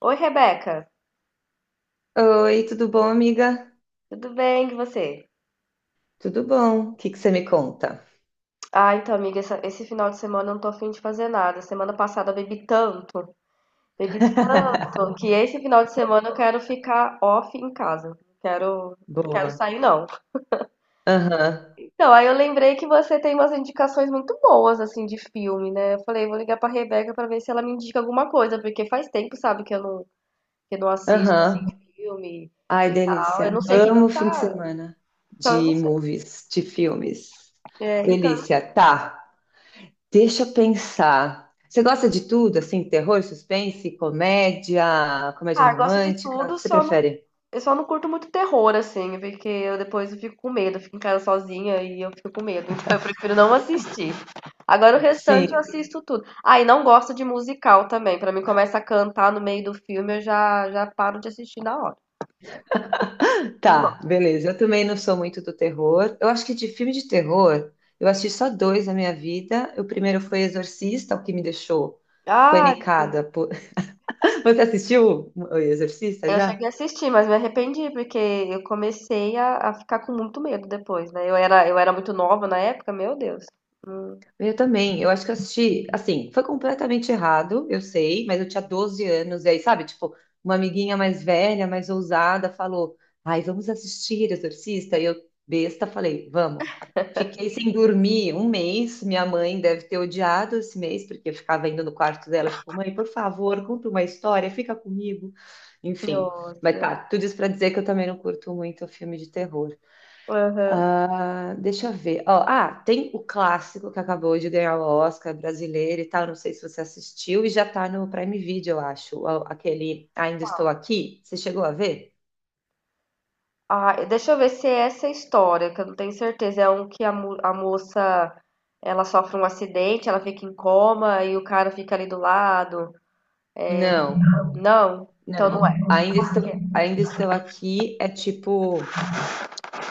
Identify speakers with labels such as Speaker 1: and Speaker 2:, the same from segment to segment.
Speaker 1: Oi, Rebeca.
Speaker 2: Oi, tudo bom, amiga?
Speaker 1: Tudo bem com você?
Speaker 2: Tudo bom? O que que você me conta?
Speaker 1: Ah, então, amiga, esse final de semana eu não tô afim de fazer nada. Semana passada eu bebi tanto, que esse final de semana eu quero ficar off em casa. Não quero
Speaker 2: Boa.
Speaker 1: sair, não.
Speaker 2: Aham,
Speaker 1: Então, aí eu lembrei que você tem umas indicações muito boas, assim, de filme, né? Eu falei, vou ligar pra Rebeca pra ver se ela me indica alguma coisa, porque faz tempo, sabe, que eu não, assisto, assim,
Speaker 2: aham.
Speaker 1: filme
Speaker 2: Ai,
Speaker 1: e tal. Eu não
Speaker 2: delícia.
Speaker 1: sei o que que
Speaker 2: Amo fim de
Speaker 1: tá.
Speaker 2: semana
Speaker 1: Então, eu não
Speaker 2: de
Speaker 1: sei.
Speaker 2: movies, de filmes.
Speaker 1: É, então.
Speaker 2: Delícia. Tá, deixa eu pensar. Você gosta de tudo, assim, terror, suspense, comédia, comédia
Speaker 1: Ah, gosto de
Speaker 2: romântica? O
Speaker 1: tudo,
Speaker 2: que você
Speaker 1: só não,
Speaker 2: prefere?
Speaker 1: curto muito terror, assim, porque eu depois eu fico com medo, eu fico em casa sozinha e eu fico com medo, então eu prefiro não assistir. Agora o restante eu
Speaker 2: Sim.
Speaker 1: assisto tudo. Ah, e não gosto de musical também, pra mim começa a cantar no meio do filme, eu já paro de assistir na hora. Não
Speaker 2: Tá,
Speaker 1: gosto.
Speaker 2: beleza. Eu também não sou muito do terror. Eu acho que de filme de terror, eu assisti só dois na minha vida. O primeiro foi Exorcista, o que me deixou
Speaker 1: Ah,
Speaker 2: panicada. Você assistiu o Exorcista
Speaker 1: eu
Speaker 2: já?
Speaker 1: cheguei a assistir, mas me arrependi, porque eu comecei a ficar com muito medo depois, né? Eu era muito nova na época, meu Deus. Hum.
Speaker 2: Eu também, eu acho que eu assisti, assim, foi completamente errado, eu sei, mas eu tinha 12 anos, e aí, sabe, tipo, uma amiguinha mais velha, mais ousada, falou, ai, vamos assistir Exorcista, e eu, besta, falei, vamos. Fiquei sem dormir um mês, minha mãe deve ter odiado esse mês, porque eu ficava indo no quarto dela, tipo, mãe, por favor, conta uma história, fica comigo, enfim.
Speaker 1: Nossa.
Speaker 2: Mas tá, tudo isso pra dizer que eu também não curto muito filme de terror.
Speaker 1: Aham.
Speaker 2: Ah, deixa eu ver. Ó, ah, tem o clássico que acabou de ganhar o Oscar brasileiro e tal. Não sei se você assistiu e já tá no Prime Video, eu acho. Ó, Aquele Ainda Estou Aqui. Você chegou a ver?
Speaker 1: Ah, deixa eu ver se é essa história, que eu não tenho certeza. É um que a moça ela sofre um acidente, ela fica em coma e o cara fica ali do lado.
Speaker 2: Não,
Speaker 1: Não? Então não
Speaker 2: não.
Speaker 1: é.
Speaker 2: Ainda estou aqui. É tipo.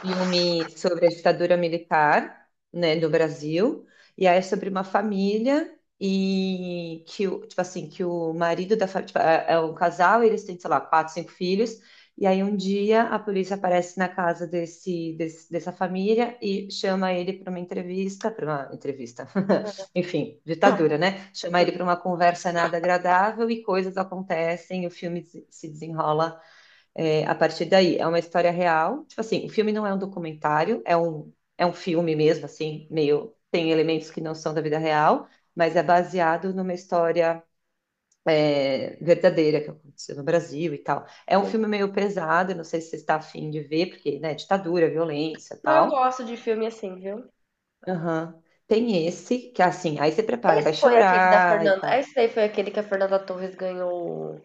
Speaker 2: Filme sobre a ditadura militar, né, do Brasil, e aí é sobre uma família e que o, tipo assim, que o marido da família, é um casal, eles têm, sei lá, quatro, cinco filhos, e aí um dia a polícia aparece na casa dessa família e chama ele para uma entrevista, enfim, ditadura, né? Chama ele para uma conversa nada agradável e coisas acontecem, o filme se desenrola a partir daí. É uma história real. Tipo assim, o filme não é um documentário, é um filme mesmo, assim, meio. Tem elementos que não são da vida real, mas é baseado numa história verdadeira que aconteceu no Brasil e tal. É um filme meio pesado, não sei se você está afim de ver, porque, né, ditadura, violência e
Speaker 1: Não, eu
Speaker 2: tal.
Speaker 1: gosto de filme assim, viu?
Speaker 2: Aham. Tem esse, que é assim, aí você prepara,
Speaker 1: Esse
Speaker 2: vai
Speaker 1: foi aquele da
Speaker 2: chorar e
Speaker 1: Fernanda.
Speaker 2: tal.
Speaker 1: Esse daí foi aquele que a Fernanda Torres ganhou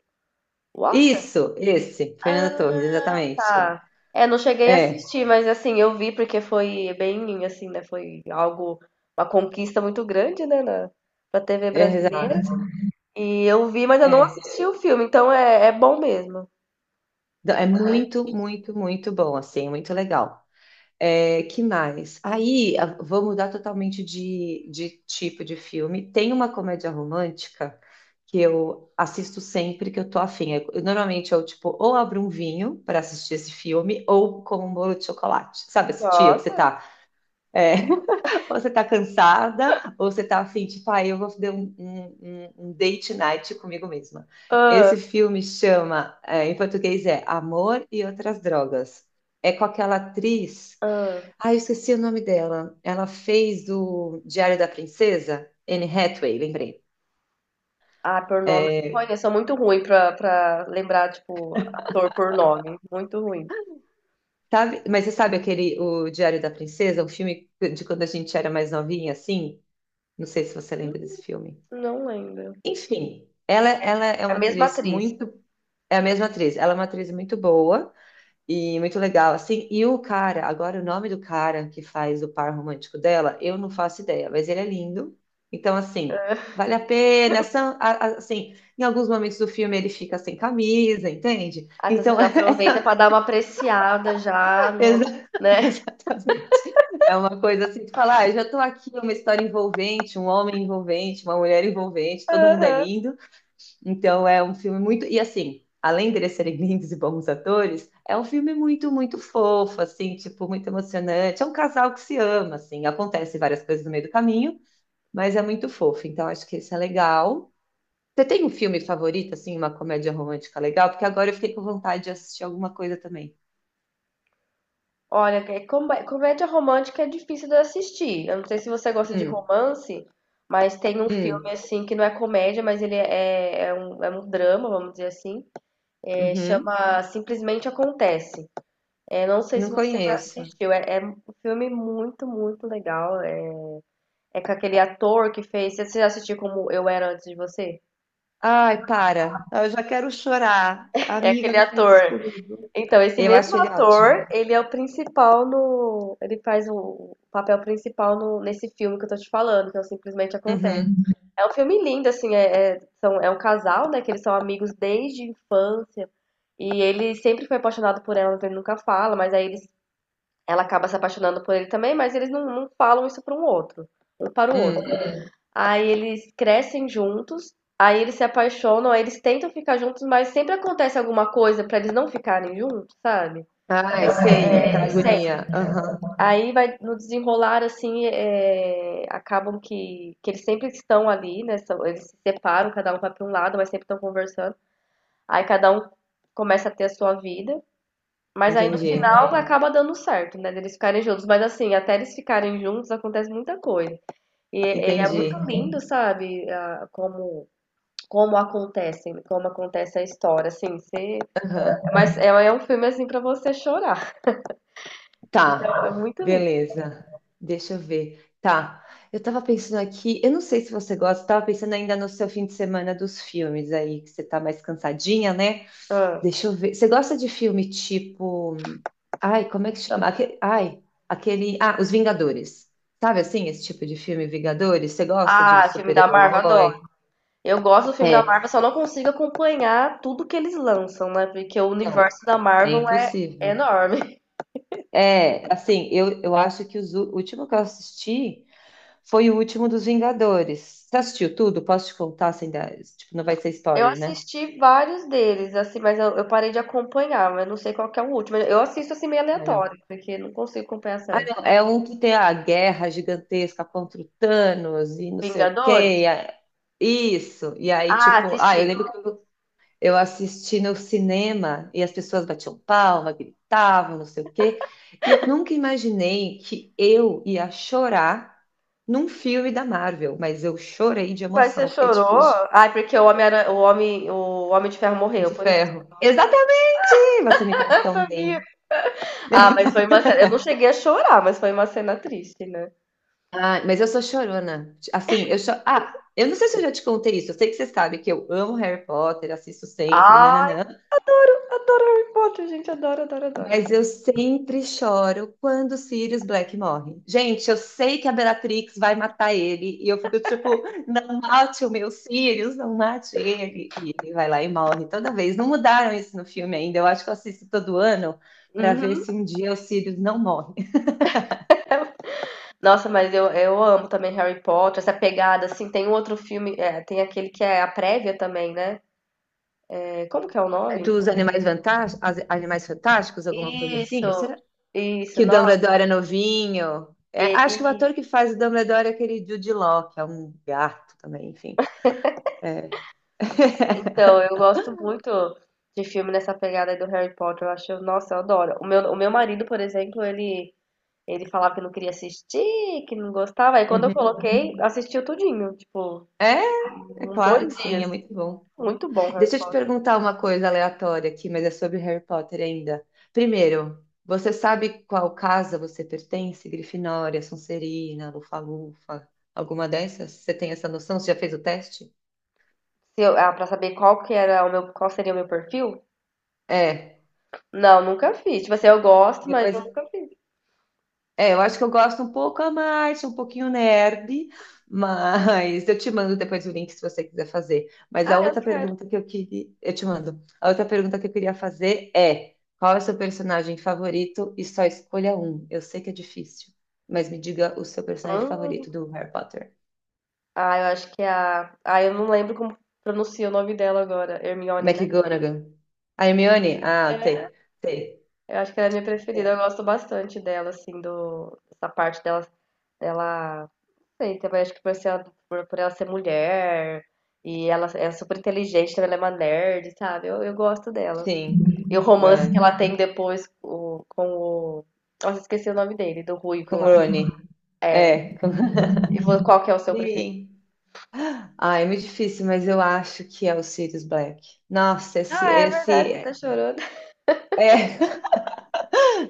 Speaker 1: o Oscar?
Speaker 2: Isso, esse, Fernando
Speaker 1: Ah,
Speaker 2: Torres, exatamente.
Speaker 1: tá. É, não cheguei a
Speaker 2: É,
Speaker 1: assistir, mas assim, eu vi porque foi bem, assim, né? Foi algo, uma conquista muito grande, né, pra TV
Speaker 2: é,
Speaker 1: brasileira.
Speaker 2: exato.
Speaker 1: E eu vi, mas eu não
Speaker 2: É.
Speaker 1: assisti o filme, então é bom mesmo.
Speaker 2: Não, é muito, muito, muito bom, assim, muito legal. É, que mais? Aí, vou mudar totalmente de tipo de filme. Tem uma comédia romântica que eu assisto sempre que eu tô afim. Eu normalmente eu, tipo, ou abro um vinho para assistir esse filme, ou como um bolo de chocolate. Sabe, esse dia que você
Speaker 1: Nossa.
Speaker 2: tá... é, ou você tá cansada, ou você tá assim, tipo, ah, eu vou fazer um date night comigo mesma.
Speaker 1: Ah,
Speaker 2: Esse filme chama, é, em português é Amor e Outras Drogas. É com aquela atriz,
Speaker 1: ah.
Speaker 2: ah, eu esqueci o nome dela. Ela fez do Diário da Princesa, Anne Hathaway, lembrei.
Speaker 1: Ah, por nome eu não
Speaker 2: É,
Speaker 1: conheço. Sou muito ruim pra lembrar, tipo, ator por nome. Muito ruim.
Speaker 2: mas você sabe aquele, o Diário da Princesa, um filme de quando a gente era mais novinha, assim? Não sei se você lembra desse filme.
Speaker 1: Não lembro.
Speaker 2: Enfim, ela é
Speaker 1: É a
Speaker 2: uma
Speaker 1: mesma
Speaker 2: atriz
Speaker 1: atriz.
Speaker 2: muito. É a mesma atriz. Ela é uma atriz muito boa e muito legal, assim. E o cara, agora o nome do cara que faz o par romântico dela, eu não faço ideia, mas ele é lindo. Então, assim, vale a pena. Assim, em alguns momentos do filme ele fica sem camisa, entende?
Speaker 1: Ah, então você
Speaker 2: Então,
Speaker 1: já aproveita pra dar uma apreciada já no,
Speaker 2: exa-
Speaker 1: né?
Speaker 2: exatamente. É uma coisa assim de falar, ah, eu já tô aqui, uma história envolvente, um homem envolvente, uma mulher envolvente, todo mundo é
Speaker 1: Aham.
Speaker 2: lindo. Então é um filme muito. E assim, além deles serem lindos e bons atores, é um filme muito, muito fofo, assim, tipo, muito emocionante. É um casal que se ama, assim, acontece várias coisas no meio do caminho, mas é muito fofo. Então acho que isso é legal. Você tem um filme favorito, assim, uma comédia romântica legal? Porque agora eu fiquei com vontade de assistir alguma coisa também.
Speaker 1: Olha, que comédia romântica é difícil de assistir. Eu não sei se você gosta de
Speaker 2: Hum,
Speaker 1: romance, mas tem um filme
Speaker 2: hum,
Speaker 1: assim que não é comédia, mas ele é um drama, vamos dizer assim. É,
Speaker 2: uhum.
Speaker 1: chama Simplesmente Acontece. É, não sei se
Speaker 2: Não
Speaker 1: você já
Speaker 2: conheço.
Speaker 1: assistiu. É um filme muito, muito legal. É com aquele ator que fez. Você já assistiu Como Eu Era Antes de Você?
Speaker 2: Ai, para. Eu já quero chorar.
Speaker 1: É
Speaker 2: Amiga,
Speaker 1: aquele
Speaker 2: não faz
Speaker 1: ator.
Speaker 2: isso comigo.
Speaker 1: Então, esse
Speaker 2: Eu
Speaker 1: mesmo
Speaker 2: acho ele
Speaker 1: ator,
Speaker 2: ótimo.
Speaker 1: ele é o principal no. Ele faz o papel principal no, nesse filme que eu tô te falando, que é o Simplesmente Acontece.
Speaker 2: Uhum,
Speaker 1: É um filme lindo, assim. É um casal, né? Que eles são amigos desde a infância. E ele sempre foi apaixonado por ela, mas ele nunca fala, mas aí eles ela acaba se apaixonando por ele também, mas eles não falam isso para um outro, um para o outro.
Speaker 2: hum.
Speaker 1: Aí eles crescem juntos, aí eles se apaixonam, aí eles tentam ficar juntos, mas sempre acontece alguma coisa para eles não ficarem juntos, sabe?
Speaker 2: Ai, sei, tá
Speaker 1: É, sempre.
Speaker 2: agonia. Aham,
Speaker 1: Aí vai no desenrolar assim, é, acabam que, eles sempre estão ali, né? Eles se separam, cada um vai para um lado, mas sempre estão conversando. Aí cada um começa a ter a sua vida. Mas aí no
Speaker 2: entendi.
Speaker 1: final acaba dando certo, né? Deles ficarem juntos. Mas assim, até eles ficarem juntos acontece muita coisa. E é muito
Speaker 2: Entendi.
Speaker 1: lindo, sabe? Como acontece a história, assim. Você.
Speaker 2: Aham,
Speaker 1: Mas é um filme assim pra você chorar.
Speaker 2: tá.
Speaker 1: É muito lindo.
Speaker 2: Beleza. Deixa eu ver. Tá. Eu tava pensando aqui, eu não sei se você gosta, eu tava pensando ainda no seu fim de semana dos filmes aí, que você tá mais cansadinha, né?
Speaker 1: Ah,
Speaker 2: Deixa eu ver. Você gosta de filme tipo. Ai, como é que chama? Ai, aquele. Ah, Os Vingadores. Sabe assim, esse tipo de filme, Vingadores? Você gosta de
Speaker 1: Ah, filme da Marvel, adoro.
Speaker 2: super-herói?
Speaker 1: Eu gosto do filme da
Speaker 2: É.
Speaker 1: Marvel, só não consigo acompanhar tudo que eles lançam, né? Porque o
Speaker 2: Não,
Speaker 1: universo da
Speaker 2: é
Speaker 1: Marvel é
Speaker 2: impossível.
Speaker 1: enorme.
Speaker 2: É, assim, eu, eu acho que o último que eu assisti foi o último dos Vingadores. Você assistiu tudo? Posso te contar sem dar? Tipo, não vai ser
Speaker 1: Eu
Speaker 2: spoiler, né?
Speaker 1: assisti vários deles, assim, mas eu parei de acompanhar, mas eu não sei qual que é o último. Eu assisto assim meio
Speaker 2: Ah, não.
Speaker 1: aleatório, porque não consigo acompanhar
Speaker 2: Ah,
Speaker 1: certo.
Speaker 2: não. É um que tem a guerra gigantesca contra o Thanos e não sei o
Speaker 1: Vingadores?
Speaker 2: quê. Isso. E aí,
Speaker 1: Ah,
Speaker 2: tipo, ah,
Speaker 1: assisti.
Speaker 2: eu lembro que eu. Eu assisti no cinema e as pessoas batiam palma, gritavam, não sei o quê. E eu nunca imaginei que eu ia chorar num filme da Marvel, mas eu chorei de
Speaker 1: Mas
Speaker 2: emoção,
Speaker 1: você
Speaker 2: eu fiquei tipo
Speaker 1: chorou? Ai, porque o Homem de Ferro morreu
Speaker 2: de
Speaker 1: por isso.
Speaker 2: ferro. Exatamente! Você me conhece
Speaker 1: Eu
Speaker 2: tão
Speaker 1: sabia.
Speaker 2: bem.
Speaker 1: Ah, mas foi uma cena. Eu não cheguei a chorar, mas foi uma cena triste, né?
Speaker 2: Ah, mas eu sou chorona. Assim, eu cho... Ah, eu não sei se eu já te contei isso. Eu sei que você sabe que eu amo Harry Potter, assisto sempre,
Speaker 1: Ai,
Speaker 2: nananã.
Speaker 1: adoro Harry Potter, gente, adoro, adoro, adoro.
Speaker 2: Mas eu sempre choro quando o Sirius Black morre. Gente, eu sei que a Bellatrix vai matar ele. E eu fico tipo, não mate o meu Sirius, não mate ele. E ele vai lá e morre toda vez. Não mudaram isso no filme ainda. Eu acho que eu assisto todo ano para ver
Speaker 1: Uhum.
Speaker 2: se um dia o Sirius não morre.
Speaker 1: Nossa, mas eu amo também Harry Potter, essa pegada, assim, tem um outro filme, é, tem aquele que é a prévia também, né? Como que é o nome?
Speaker 2: Dos Animais Fantásticos, Animais Fantásticos, alguma coisa assim?
Speaker 1: Isso,
Speaker 2: Será
Speaker 1: isso,
Speaker 2: que o Dumbledore
Speaker 1: nossa.
Speaker 2: é novinho? É,
Speaker 1: E,
Speaker 2: acho que o
Speaker 1: e-
Speaker 2: ator que faz o Dumbledore é aquele Jude Law, que é um gato também, enfim. É.
Speaker 1: então, eu gosto muito de filme nessa pegada aí do Harry Potter. Eu acho, nossa, eu adoro. O meu marido, por exemplo, ele falava que não queria assistir, que não gostava. Aí quando eu
Speaker 2: Uhum.
Speaker 1: coloquei, assistiu tudinho, tipo,
Speaker 2: É, é
Speaker 1: em dois
Speaker 2: claro que sim,
Speaker 1: dias.
Speaker 2: é muito bom.
Speaker 1: Muito bom, Harry
Speaker 2: Deixa eu te
Speaker 1: Potter.
Speaker 2: perguntar uma coisa aleatória aqui, mas é sobre Harry Potter ainda. Primeiro, você sabe qual casa você pertence? Grifinória, Sonserina, Lufa-Lufa, alguma dessas? Você tem essa noção? Você já fez o teste?
Speaker 1: Se eu, pra saber qual que era o meu, qual seria o meu perfil?
Speaker 2: É.
Speaker 1: Não, nunca fiz. Tipo assim, eu gosto, mas
Speaker 2: Depois,
Speaker 1: eu nunca fiz.
Speaker 2: é, eu acho que eu gosto um pouco a mais, um pouquinho nerd, mas eu te mando depois o link se você quiser fazer. Mas
Speaker 1: Ah,
Speaker 2: a
Speaker 1: eu
Speaker 2: outra
Speaker 1: quero.
Speaker 2: pergunta que eu queria, eu te mando. A outra pergunta que eu queria fazer é: qual é o seu personagem favorito e só escolha um? Eu sei que é difícil, mas me diga o seu personagem
Speaker 1: Hum.
Speaker 2: favorito do Harry Potter.
Speaker 1: Ah, eu acho que é a. Ah, eu não lembro como pronuncia o nome dela agora. Hermione, né?
Speaker 2: McGonagall. A Hermione? Ah,
Speaker 1: É.
Speaker 2: T. T.
Speaker 1: Eu acho que ela é minha preferida. Eu gosto bastante dela, assim, essa parte dela. Dela. Não sei, também acho que por ela ser mulher. E ela é super inteligente, também ela é uma nerd, sabe? Eu gosto dela.
Speaker 2: Sim.
Speaker 1: E o romance que
Speaker 2: É.
Speaker 1: ela tem depois com o. Nossa, esqueci o nome dele, do Ruivo
Speaker 2: Com o
Speaker 1: lá.
Speaker 2: Rony.
Speaker 1: É. Eu
Speaker 2: É.
Speaker 1: gosto. E qual que é o seu preferido?
Speaker 2: Sim. Ah, é muito difícil, mas eu acho que é o Sirius Black. Nossa,
Speaker 1: Ah, é verdade, você tá chorando.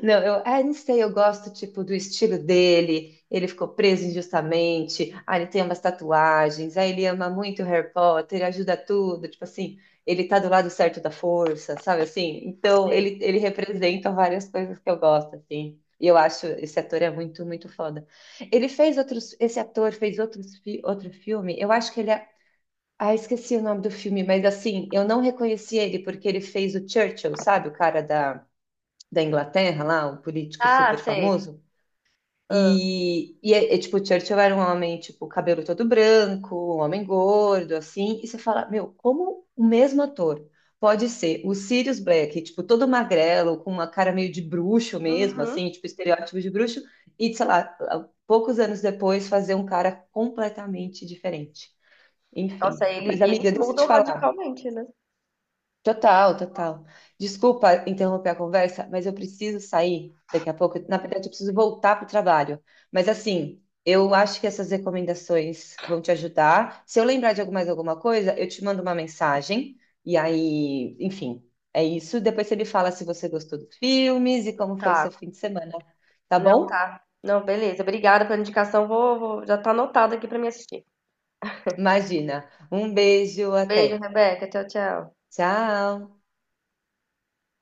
Speaker 2: não, eu, é, não sei, eu gosto, tipo, do estilo dele, ele ficou preso injustamente, ah, ele tem umas tatuagens, aí ele ama muito Harry Potter, ajuda tudo, tipo assim, ele tá do lado certo da força, sabe assim? Então,
Speaker 1: Sei.
Speaker 2: ele representa várias coisas que eu gosto, assim. E eu acho, esse ator é muito, muito foda. Esse ator fez outros, outro filme, eu acho que ele é. Ah, esqueci o nome do filme, mas assim, eu não reconheci ele porque ele fez o Churchill, sabe? O cara da, da Inglaterra lá, um político
Speaker 1: Ah,
Speaker 2: super
Speaker 1: sei.
Speaker 2: famoso.
Speaker 1: Ah,
Speaker 2: É, tipo, o Churchill era um homem, tipo, cabelo todo branco, um homem gordo, assim. E você fala, meu, como o mesmo ator pode ser o Sirius Black, tipo, todo magrelo, com uma cara meio de bruxo mesmo,
Speaker 1: uhum.
Speaker 2: assim, tipo, estereótipo de bruxo, e, sei lá, poucos anos depois fazer um cara completamente diferente. Enfim.
Speaker 1: Nossa,
Speaker 2: Mas,
Speaker 1: e eles
Speaker 2: amiga, deixa eu te
Speaker 1: mudam
Speaker 2: falar.
Speaker 1: radicalmente, né?
Speaker 2: Total, total. Desculpa interromper a conversa, mas eu preciso sair daqui a pouco. Na verdade, eu preciso voltar para o trabalho. Mas assim, eu acho que essas recomendações vão te ajudar. Se eu lembrar de mais alguma coisa, eu te mando uma mensagem. E aí, enfim, é isso. Depois você me fala se você gostou dos filmes e como foi
Speaker 1: Tá,
Speaker 2: seu fim de semana, tá
Speaker 1: não
Speaker 2: bom?
Speaker 1: tá. Não, beleza. Obrigada pela indicação. Já tá anotado aqui pra me assistir.
Speaker 2: Imagina. Um beijo,
Speaker 1: Beijo,
Speaker 2: até.
Speaker 1: Rebeca. Tchau, tchau.
Speaker 2: Tchau.